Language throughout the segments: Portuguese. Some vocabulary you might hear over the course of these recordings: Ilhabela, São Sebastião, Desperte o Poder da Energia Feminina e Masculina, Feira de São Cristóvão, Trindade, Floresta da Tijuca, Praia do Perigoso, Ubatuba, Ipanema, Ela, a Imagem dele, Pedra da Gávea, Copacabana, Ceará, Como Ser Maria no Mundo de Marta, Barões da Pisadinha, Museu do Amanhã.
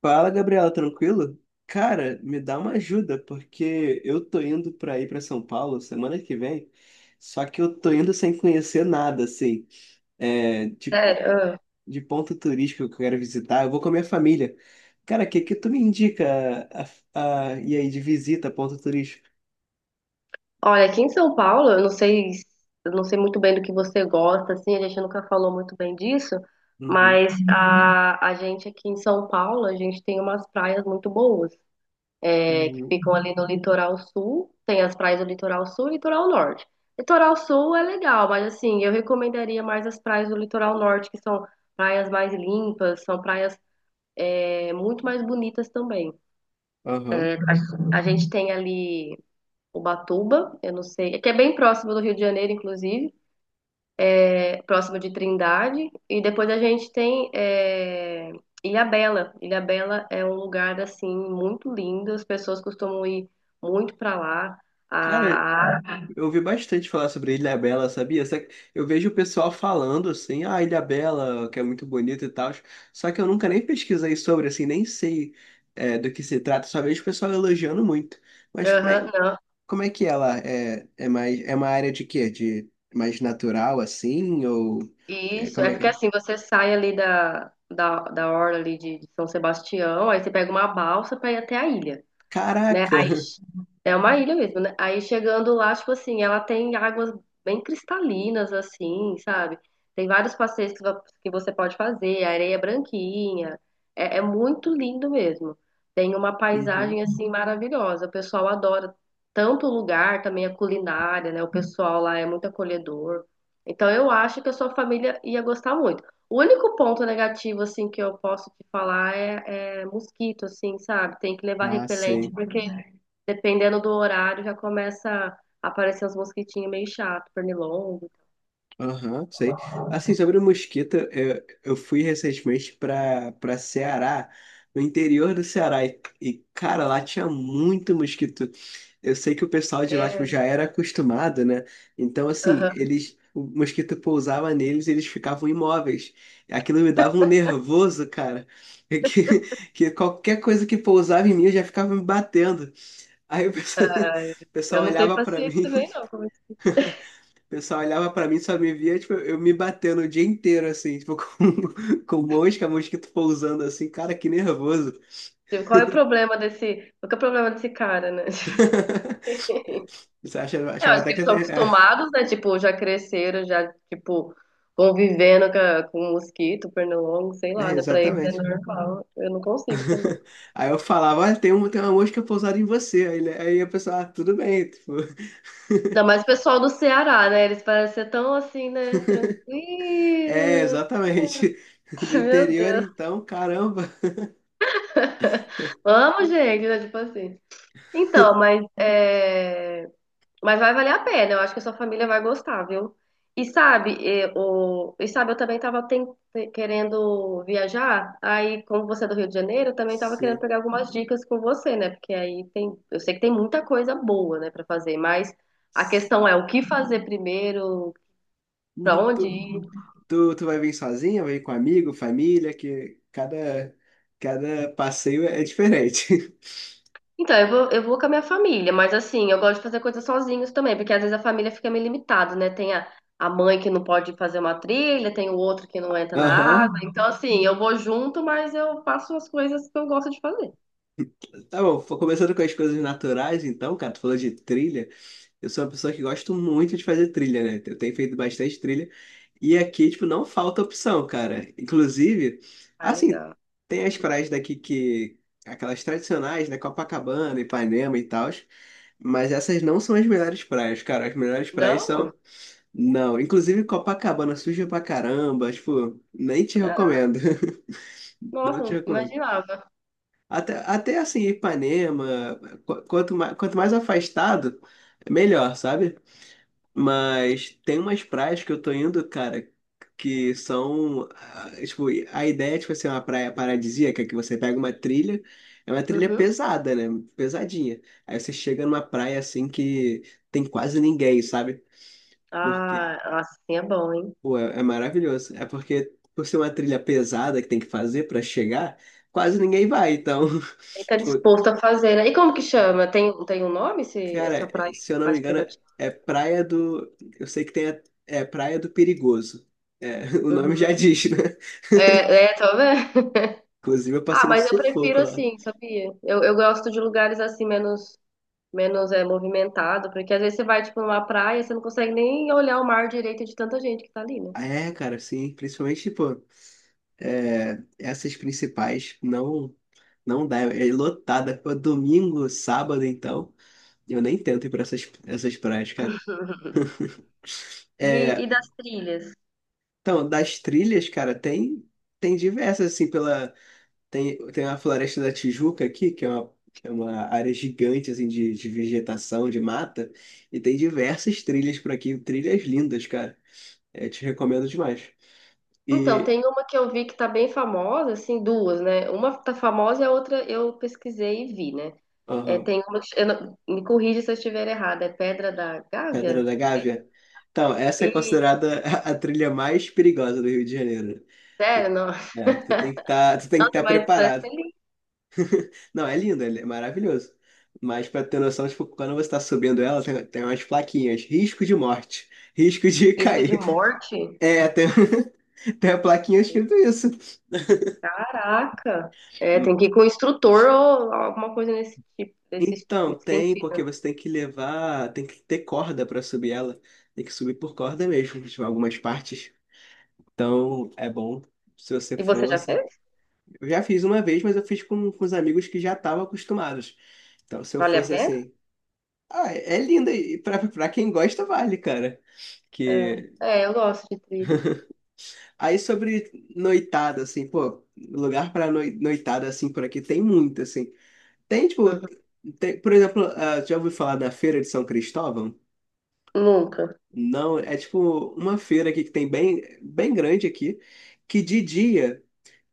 Fala, Gabriela, tranquilo? Cara, me dá uma ajuda, porque eu tô indo pra São Paulo semana que vem, só que eu tô indo sem conhecer nada, assim, tipo Sério, ah. de ponto turístico que eu quero visitar. Eu vou com a minha família. Cara, o que que tu me indica, e aí, de visita, ponto turístico? Olha, aqui em São Paulo, eu não sei muito bem do que você gosta, assim, a gente nunca falou muito bem disso, Uhum, mas Uhum. A gente aqui em São Paulo, a gente tem umas praias muito boas, que uhum, ficam ali no litoral sul, tem as praias do litoral sul e litoral norte. Litoral sul é legal, mas assim, eu recomendaria mais as praias do litoral norte, que são praias mais limpas, são praias muito mais bonitas também. aham. A gente tem ali. Ubatuba, eu não sei, é que é bem próximo do Rio de Janeiro, inclusive, é próximo de Trindade, e depois a gente tem é, Ilhabela. Ilhabela é um lugar assim muito lindo, as pessoas costumam ir muito para lá. Cara, A, eu ouvi bastante falar sobre Ilhabela, sabia? Só que eu vejo o pessoal falando assim, ah, Ilhabela, que é muito bonito e tal. Só que eu nunca nem pesquisei sobre, assim, nem sei do que se trata. Só vejo o pessoal elogiando muito. Mas aham, não. como é que ela é, é mais, é uma área de quê? De mais natural, assim? Ou é, Isso, como é é que porque é? assim, você sai ali da orla ali de São Sebastião, aí você pega uma balsa para ir até a ilha, né? Caraca! É uma ilha mesmo, né? Aí chegando lá, tipo assim, ela tem águas bem cristalinas, assim, sabe? Tem vários passeios que você pode fazer, a areia é branquinha. É muito lindo mesmo. Tem uma Uhum. paisagem assim maravilhosa. O pessoal adora tanto o lugar, também a culinária, né? O pessoal lá é muito acolhedor. Então eu acho que a sua família ia gostar muito. O único ponto negativo assim que eu posso te falar é mosquito, assim, sabe? Tem que levar Ah, repelente, sei. porque dependendo do horário já começa a aparecer uns mosquitinhos meio chato, pernilongo. Aham, sei. Assim, sobre o mosquito, eu fui recentemente para Ceará, no interior do Ceará, cara, lá tinha muito mosquito. Eu sei que o pessoal de lá, tipo, É, já era acostumado, né? Então, assim, aham. eles, o mosquito pousava neles e eles ficavam imóveis. Aquilo me dava um nervoso, cara, que, que qualquer coisa que pousava em mim, eu já ficava me batendo. Aí o pessoal, Ah, o eu pessoal não tenho olhava para paciência mim. também, não. Como é que- O pessoal olhava pra mim, só me via, tipo, eu me batendo o dia inteiro, assim, tipo, com mosca, mosquito pousando, assim, cara, que nervoso. Tipo, qual é o problema qual que é o problema desse cara, né? Você Eu achava acho até que que... eles são É, acostumados, né? Tipo, já cresceram, já, tipo, com mosquito, pernilongo, sei é, lá, né? Pra eles é exatamente. normal. Eu não consigo também. Aí eu falava, olha, tem uma mosca pousada em você. Aí, aí a pessoa, ah, tudo bem, tipo... Ainda mais o pessoal do Ceará, né? Eles parecem ser tão assim, né? É, Tranquilo. exatamente. Do Meu interior, Deus. então, caramba. Amo, gente, né? Tipo assim. Então, mas vai valer a pena. Eu acho que a sua família vai gostar, viu? Eu também querendo viajar. Aí, como você é do Rio de Janeiro, eu também tava querendo Sim, pegar algumas dicas com você, né? Porque aí tem. Eu sei que tem muita coisa boa, né, pra fazer, mas a questão sim. é o que fazer primeiro, pra Uhum, onde ir. tu vai vir sozinha, vai vir com amigo, família, cada passeio é diferente. Então, eu vou com a minha família, mas assim, eu gosto de fazer coisas sozinhos também, porque às vezes a família fica meio limitada, né? Tem a mãe que não pode fazer uma trilha, tem o outro que não entra na Aham. água. Então, assim, eu vou junto, mas eu faço as coisas que eu gosto de fazer. Tá bom, foi começando com as coisas naturais, então, cara, tu falou de trilha. Eu sou uma pessoa que gosto muito de fazer trilha, né? Eu tenho feito bastante trilha. E aqui, tipo, não falta opção, cara. Inclusive, Ah, assim, legal. tem as praias daqui que... Aquelas tradicionais, né? Copacabana, Ipanema e tal. Mas essas não são as melhores praias, cara. As melhores praias Não? são... Não, inclusive Copacabana suja pra caramba, tipo, nem te Caraca, recomendo. Não nossa, te não recomendo. imaginava. Até assim, Ipanema, quanto mais afastado, é melhor, sabe? Mas tem umas praias que eu tô indo, cara, que são, ah, tipo, a ideia é, tipo assim, uma praia paradisíaca, que você pega uma trilha, é uma trilha Uhum. pesada, né? Pesadinha. Aí você chega numa praia, assim, que tem quase ninguém, sabe? Porque Ah, nossa, assim é bom, hein? pô, é, é maravilhoso. É porque, por ser uma trilha pesada que tem que fazer pra chegar, quase ninguém vai. Então, Ele tá tipo, disposto a fazer, né? E como que chama? Tem um nome, essa cara, praia se eu não me mais engano, privativa? é Praia do... Eu sei que tem a... é Praia do Perigoso. É, o nome Uhum. já diz, né? É, é, talvez. Inclusive, eu Ah, passei um mas eu prefiro sufoco lá. assim, sabia? Eu gosto de lugares assim menos movimentado, porque às vezes você vai tipo numa praia, você não consegue nem olhar o mar direito de tanta gente que tá ali, né? Ah, é, cara, sim. Principalmente, tipo, essas principais não dá. É lotada. Pô, domingo, sábado, então. Eu nem tento ir pra essas praias, cara. E, É, e das trilhas? então, das trilhas, cara, tem diversas assim pela... tem a Floresta da Tijuca aqui, que é uma área gigante assim de vegetação, de mata, e tem diversas trilhas por aqui, trilhas lindas, cara. Eu te recomendo demais. Então, E tem uma que eu vi que tá bem famosa, assim, duas, né? Uma tá famosa e a outra eu pesquisei e vi, né? É, aham, tem uma que eu não- me corrija se eu estiver errada, é Pedra da Pedra Gávea? da Gávea. Então, essa é E, considerada a trilha mais perigosa do Rio de Janeiro. sério, Tu- não. É, tu tem que Nossa, estar mas parece ser preparado. lindo. Não, é lindo, é maravilhoso. Mas pra ter noção, tipo, quando você tá subindo ela, tem umas plaquinhas. Risco de morte. Risco de Risco de cair. morte? É, tem, tem a plaquinha escrito isso. Caraca! É, tem que ir com o instrutor ou alguma coisa nesse Então, nesse tem, sentido, porque né? você tem que levar, tem que ter corda pra subir ela. Tem que subir por corda mesmo, tipo, algumas partes. Então, é bom se você E você já fosse. fez? Eu já fiz uma vez, mas eu fiz com os amigos que já estavam acostumados. Então, se eu Vale a fosse pena? assim. Ah, é linda e pra quem gosta, vale, cara É, que... é eu gosto de trilha. Aí sobre noitada, assim, pô, lugar pra noitada, assim, por aqui tem muito, assim. Tem, tipo, Uhum. Por exemplo, ah, já ouviu falar da Feira de São Cristóvão? Nunca. Não, é tipo uma feira aqui que tem bem grande aqui, que de dia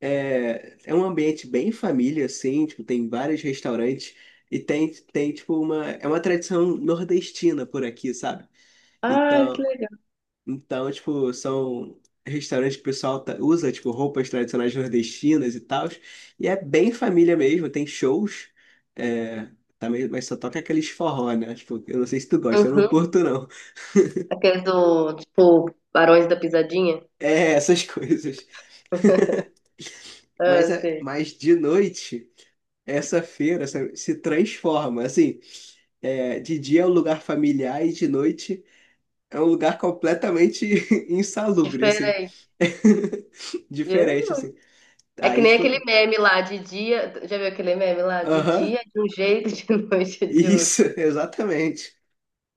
é um ambiente bem família, assim, tipo, tem vários restaurantes e tem tipo, é uma tradição nordestina por aqui, sabe? Ai, que Então, legal. então, tipo, são restaurantes que o pessoal usa, tipo, roupas tradicionais nordestinas e tal. E é bem família mesmo, tem shows. É, também, mas só toca aqueles forró, né? Tipo, eu não sei se tu gosta, eu não Uhum. curto, não. Aqueles do, tipo, Barões da Pisadinha. É, essas coisas. Mas, Ah, sei. mas de noite, essa feira sabe, se transforma. Assim, é, de dia é um lugar familiar e de noite é um lugar completamente insalubre, assim. Diferente. Diferente, Hum. assim. É que Aí, nem tipo. aquele meme lá de dia. Já viu aquele meme lá? De Aham, dia de um jeito, de noite de outro. isso, exatamente.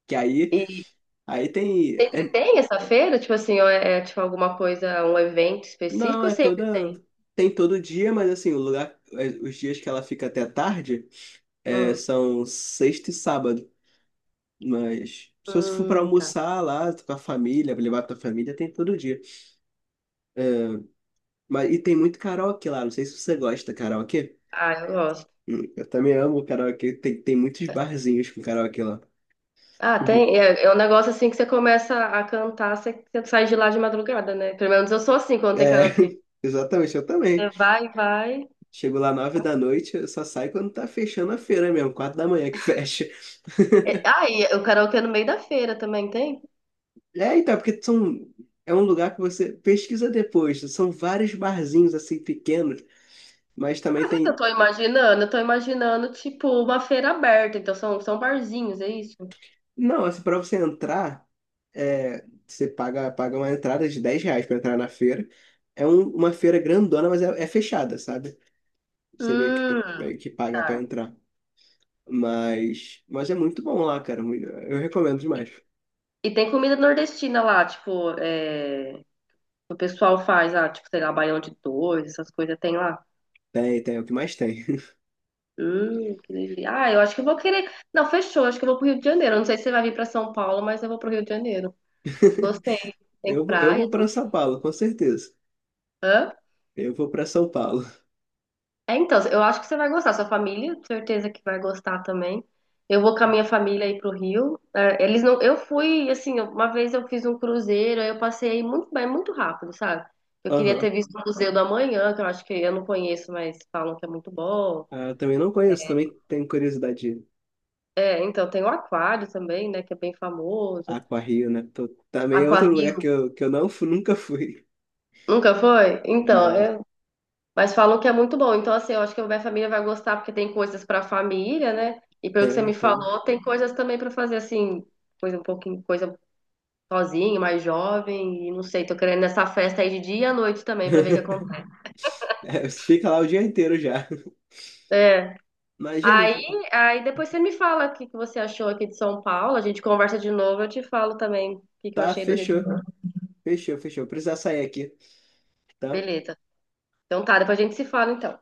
Que aí, E aí tem, sempre tem essa feira? Tipo assim, ou tipo alguma coisa, um evento não, específico, ou é sempre toda, tem? tem todo dia, mas assim, o lugar, é, os dias que ela fica até tarde é, Hum. são sexta e sábado. Mas se você for para Tá. almoçar lá com a família, pra levar a tua família, tem todo dia. Mas e tem muito karaokê lá, não sei se você gosta de karaokê. Ah, eu gosto. Eu também amo karaokê, tem muitos barzinhos com karaokê lá. Ah, Uhum. tem. É, é um negócio assim que você começa a cantar, você sai de lá de madrugada, né? Pelo menos eu sou assim quando tem É, karaokê. exatamente, eu também. Você vai, vai. Chego lá 9 da noite, eu só saio quando tá fechando a feira mesmo, 4 da manhã que fecha. É, ah, e o karaokê é no meio da feira também tem? É, então, é um lugar que você pesquisa depois. São vários barzinhos assim pequenos, mas Ah, também sabe o que eu tem. tô imaginando? Eu tô imaginando, tipo, uma feira aberta. Então são, são barzinhos, é isso? Não, assim, pra você entrar, é, você paga uma entrada de R$ 10 pra entrar na feira. É uma feira grandona, mas é, é fechada, sabe? Você Hum, meio que paga pra tá. entrar. Mas é muito bom lá, cara. Eu recomendo demais. E tem comida nordestina lá, o pessoal faz, ah, tipo, sei lá, baião de dois, essas coisas tem lá. Tem, tem, é o que mais tem. Que delícia. Ah, eu acho que eu vou querer. Não, fechou. Acho que eu vou pro Rio de Janeiro. Não sei se você vai vir pra São Paulo, mas eu vou pro Rio de Janeiro. Gostei. Tem Eu, eu praia, vou tem. para São Paulo, com certeza. Hã? Eu vou para São Paulo. É, então, eu acho que você vai gostar. Sua família, certeza que vai gostar também. Eu vou com a minha família aí pro Rio. É, eles não. Eu fui, assim, uma vez eu fiz um cruzeiro, aí eu passei muito bem, muito rápido, sabe? Eu queria ter Aham. visto o Museu do Amanhã, que eu acho que eu não conheço, mas falam que é muito bom. Ah, também não conheço, também tenho curiosidade de ir. É, então tem o Aquário também, né, que é bem famoso. Aquário, né? Também é outro Aquário. lugar que que eu nunca fui. Nunca foi? Então, Não, é- mas falou que é muito bom. Então, assim, eu acho que a minha família vai gostar porque tem coisas para a família, né? E pelo que você tem, me tem. falou, tem coisas também para fazer assim, coisa um pouquinho, coisa sozinho, mais jovem, e não sei, tô querendo nessa festa aí de dia e à noite também para ver o que acontece. É, você fica lá o dia inteiro já. É. Mas, Aí, Jennifer, aí depois você me fala o que que você achou aqui de São Paulo, a gente conversa de novo, eu te falo também o que que eu tá, achei do Rio de fechou. Janeiro. Fechou, fechou. Precisa sair aqui, tá? Beleza. Então tá, depois a gente se fala então.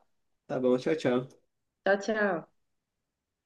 Tá bom, tchau, tchau. Tchau, tchau.